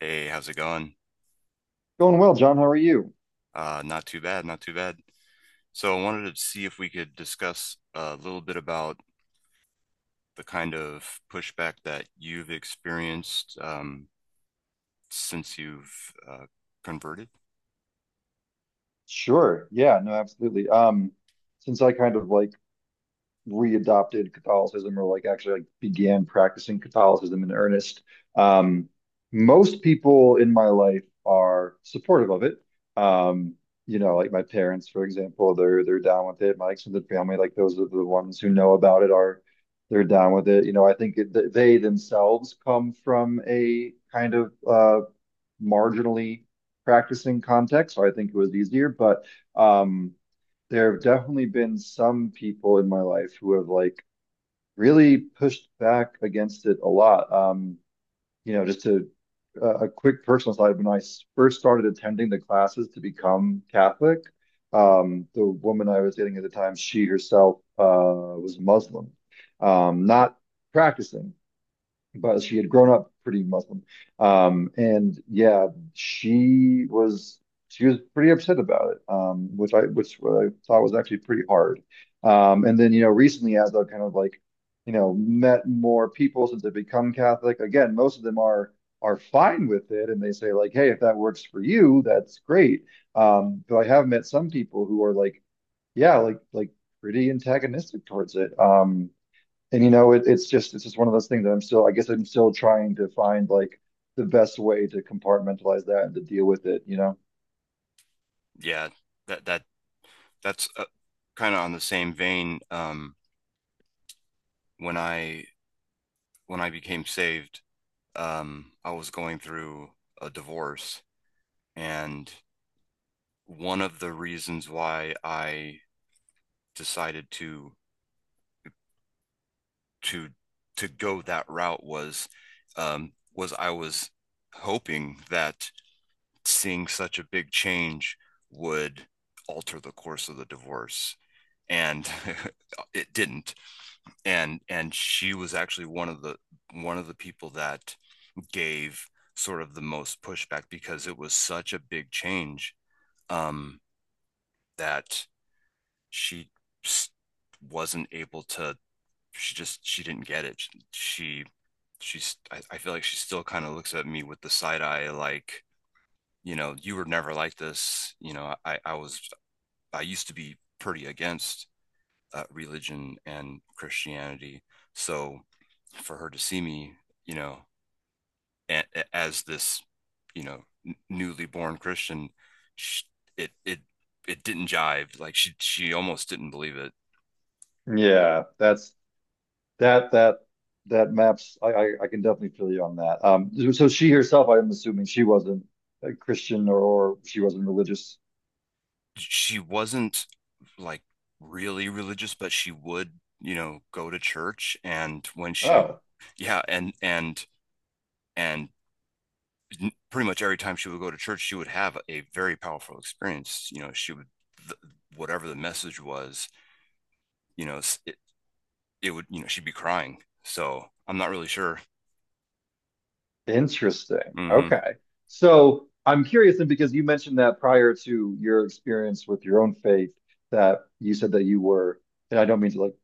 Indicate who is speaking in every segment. Speaker 1: Hey, how's it going?
Speaker 2: Going well, John. How are you?
Speaker 1: Not too bad, not too bad. So I wanted to see if we could discuss a little bit about the kind of pushback that you've experienced since you've converted.
Speaker 2: Sure. Yeah, no, absolutely. Since I kind of like readopted Catholicism or like actually like began practicing Catholicism in earnest. um, Most people in my life are supportive of it. Um, you know, like my parents, for example, they're down with it. My extended family, like those are the ones who know about it, are they're down with it. You know, I think they themselves come from a kind of marginally practicing context, so I think it was easier. But um, there have definitely been some people in my life who have like really pushed back against it a lot. You know, just to a quick personal side, when I first started attending the classes to become Catholic, the woman I was dating at the time, she herself was Muslim, not practicing, but she had grown up pretty Muslim. And yeah, she was she was pretty upset about it, which I which what I thought was actually pretty hard. And then, you know, recently, as I've kind of like you know met more people since I've become Catholic, again, most of them are fine with it, and they say like, hey, if that works for you, that's great. But I have met some people who are like, yeah, like pretty antagonistic towards it. And you know it's just one of those things that I guess I'm still trying to find like the best way to compartmentalize that and to deal with it, you know?
Speaker 1: Yeah, that that's kind of on the same vein. When I when I became saved, I was going through a divorce, and one of the reasons why I decided to to go that route was I was hoping that seeing such a big change would alter the course of the divorce and it didn't, and she was actually one of the people that gave sort of the most pushback because it was such a big change, um that she wasn't able to, she didn't get it. She she's I feel like she still kind of looks at me with the side eye, like, you know, you were never like this. You know, I was, I used to be pretty against religion and Christianity. So for her to see me, you know, as this, you know, newly born Christian, sh it it it didn't jive. She almost didn't believe it.
Speaker 2: Yeah, that's that that that maps. I can definitely feel you on that. So she herself, I'm assuming, she wasn't a Christian, or she wasn't religious.
Speaker 1: She wasn't like really religious, but she would, you know, go to church. And
Speaker 2: Oh,
Speaker 1: yeah, and pretty much every time she would go to church, she would have a very powerful experience. You know, she would, th whatever the message was, you know, it, it would, you know, she'd be crying. So I'm not really sure.
Speaker 2: interesting.
Speaker 1: hmm
Speaker 2: Okay. So I'm curious then, because you mentioned that prior to your experience with your own faith, that you said that you were, and I don't mean to like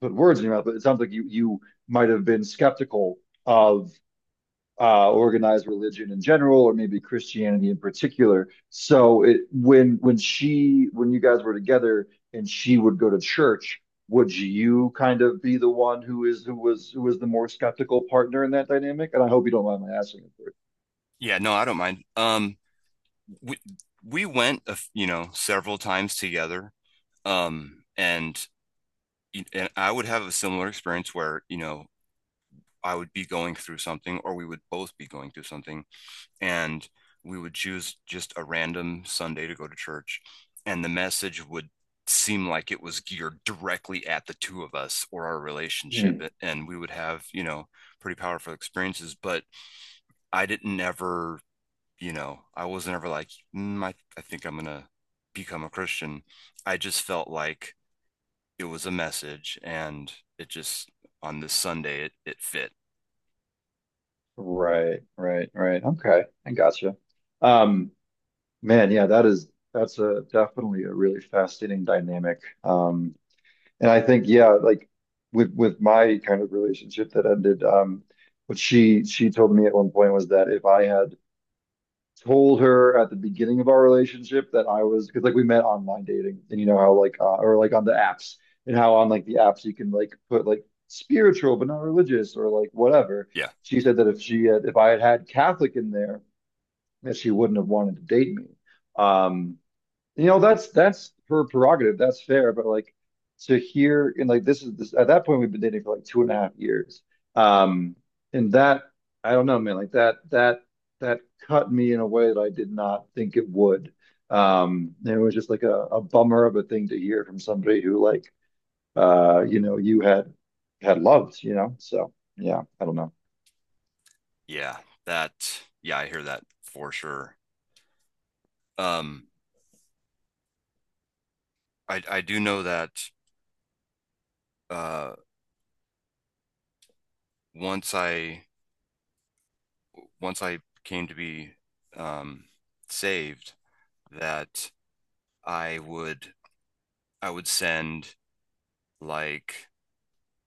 Speaker 2: put words in your mouth, but it sounds like you might have been skeptical of organized religion in general, or maybe Christianity in particular. So it, when she when you guys were together and she would go to church, would you kind of be the one who is who was the more skeptical partner in that dynamic? And I hope you don't mind my asking. It, Bert.
Speaker 1: Yeah, no, I don't mind. We we went, you know, several times together. Um, and and I would have a similar experience where, you know, I would be going through something, or we would both be going through something, and we would choose just a random Sunday to go to church, and the message would seem like it was geared directly at the two of us or our relationship,
Speaker 2: Hmm.
Speaker 1: and we would have, you know, pretty powerful experiences. But I didn't ever, you know, I wasn't ever like, I think I'm gonna become a Christian. I just felt like it was a message, and it just, on this Sunday, it fit.
Speaker 2: Right, right, right. Okay, I gotcha. Um, Man, yeah, that is that's a definitely a really fascinating dynamic. And I think, yeah, like with my kind of relationship that ended, what she told me at one point was that if I had told her at the beginning of our relationship that I was, because like we met online dating and you know how like or like on the apps, and how on like the apps you can like put like spiritual but not religious or like whatever.
Speaker 1: Yeah.
Speaker 2: She said that if I had had Catholic in there, that she wouldn't have wanted to date me. Um, you know, that's her prerogative. That's fair. But like to hear, and like this is, this at that point, we've been dating for like 2.5 years. Um, and that, I don't know, man, like that cut me in a way that I did not think it would. And it was just like a bummer of a thing to hear from somebody who like you know, you had had loved, you know. So yeah, I don't know.
Speaker 1: Yeah. That, yeah, I hear that for sure. Um I do know that uh once I once I came to be um saved, that I would I would send, like,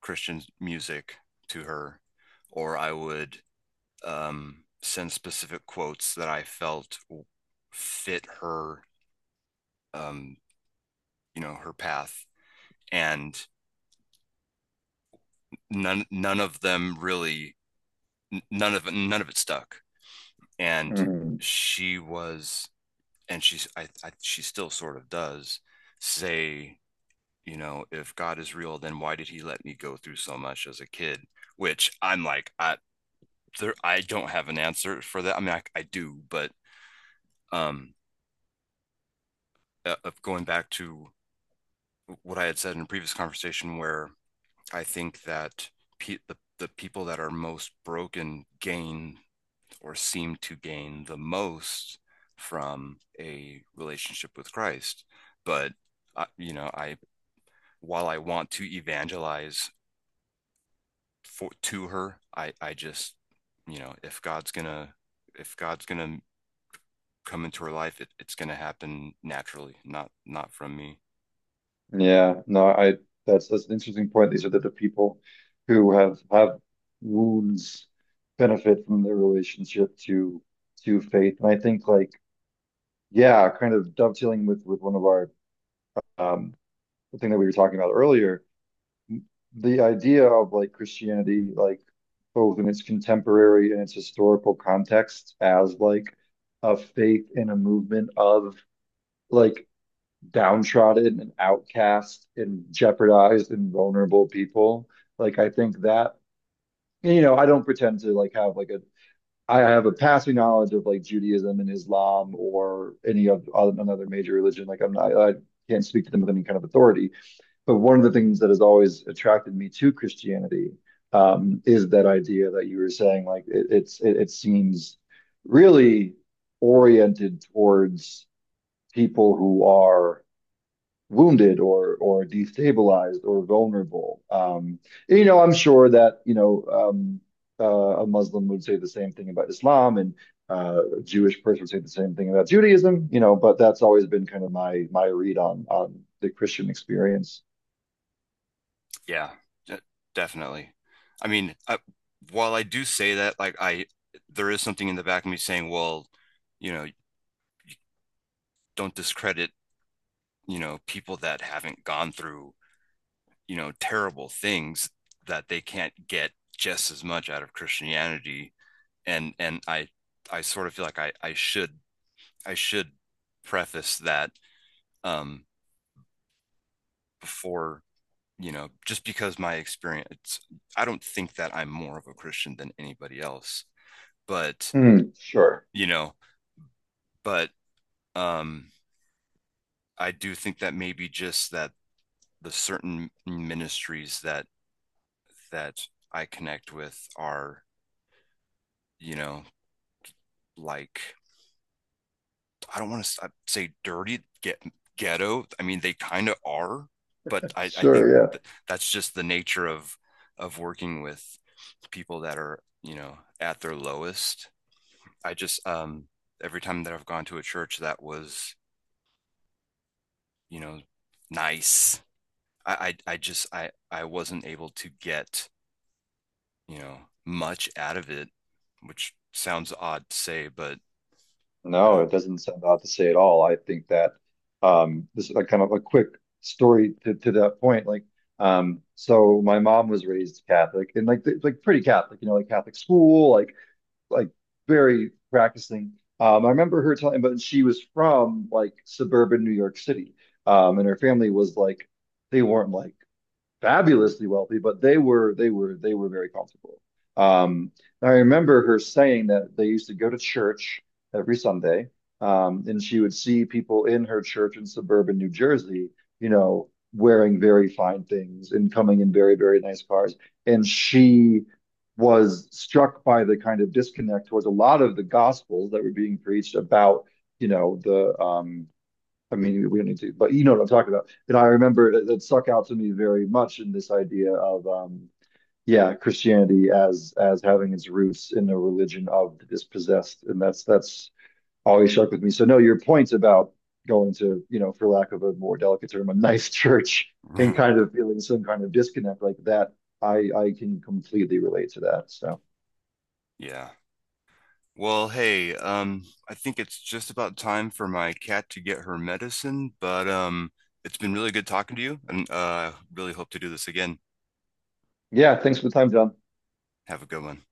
Speaker 1: Christian music to her, or I would send specific quotes that I felt fit her, um you know, her path. And none of them really, none of it stuck. And
Speaker 2: Mhm.
Speaker 1: she was and she's, I she still sort of does say, you know, if God is real, then why did he let me go through so much as a kid? Which I'm like, I don't have an answer for that. I mean, I do, but um uh, going back to what I had said in a previous conversation, where I think that the people that are most broken gain, or seem to gain, the most from a relationship with Christ. But you know, I while I want to evangelize for to her, I just, you know, if God's gonna come into her life, it, it's gonna happen naturally, not, not from me.
Speaker 2: Yeah, no, I that's an interesting point. These are the people who have wounds, benefit from their relationship to faith. And I think like, yeah, kind of dovetailing with one of our um the thing that we were talking about earlier, the idea of like Christianity, like both in its contemporary and its historical context as like a faith and a movement of like downtrodden and outcast and jeopardized and vulnerable people. Like I think that you know, I don't pretend to like have like a I have a passing knowledge of like Judaism and Islam or any of another major religion. Like I'm not I can't speak to them with any kind of authority. But one of the things that has always attracted me to Christianity is that idea that you were saying like it's it seems really oriented towards people who are wounded or destabilized or vulnerable. You know, I'm sure that you know a Muslim would say the same thing about Islam, and a Jewish person would say the same thing about Judaism. You know, but that's always been kind of my my read on the Christian experience.
Speaker 1: Yeah, de- definitely. I mean, while I do say that, there is something in the back of me saying, well, you know, don't discredit, you know, people that haven't gone through, you know, terrible things, that they can't get just as much out of Christianity. And I sort of feel like I should, I should preface that um before, you know, just because my experience, I don't think that I'm more of a Christian than anybody else, but,
Speaker 2: Mm, sure.
Speaker 1: you know, but um, I do think that maybe just that the certain ministries that that I connect with are, you know, like, I don't want to say dirty, get ghetto. I mean, they kind of are, but I think
Speaker 2: Sure, yeah.
Speaker 1: that's just the nature of working with people that are, you know, at their lowest. I just every time that I've gone to a church that was, you know, nice, I just, I wasn't able to get, you know, much out of it, which sounds odd to say, but uh,
Speaker 2: No, it doesn't sound odd to say at all. I think that this is like kind of a quick story to that point. Like so my mom was raised Catholic and like like pretty Catholic, you know, like Catholic school, like very practicing. I remember her telling, but she was from like suburban New York City. And her family was like they weren't like fabulously wealthy, but they were very comfortable. Um, I remember her saying that they used to go to church every Sunday, and she would see people in her church in suburban New Jersey, you know, wearing very fine things and coming in very, very nice cars. And she was struck by the kind of disconnect towards a lot of the gospels that were being preached about, you know, the I mean, we don't need to, but you know what I'm talking about. And I remember that, that stuck out to me very much in this idea of, yeah, Christianity as having its roots in a religion of the dispossessed, and that's always stuck with me. So no, your point about going to, you know, for lack of a more delicate term, a nice church and kind of feeling some kind of disconnect like that, I can completely relate to that. So
Speaker 1: yeah. Well, hey, I think it's just about time for my cat to get her medicine, but it's been really good talking to you, and really hope to do this again.
Speaker 2: yeah, thanks for the time, John.
Speaker 1: Have a good one.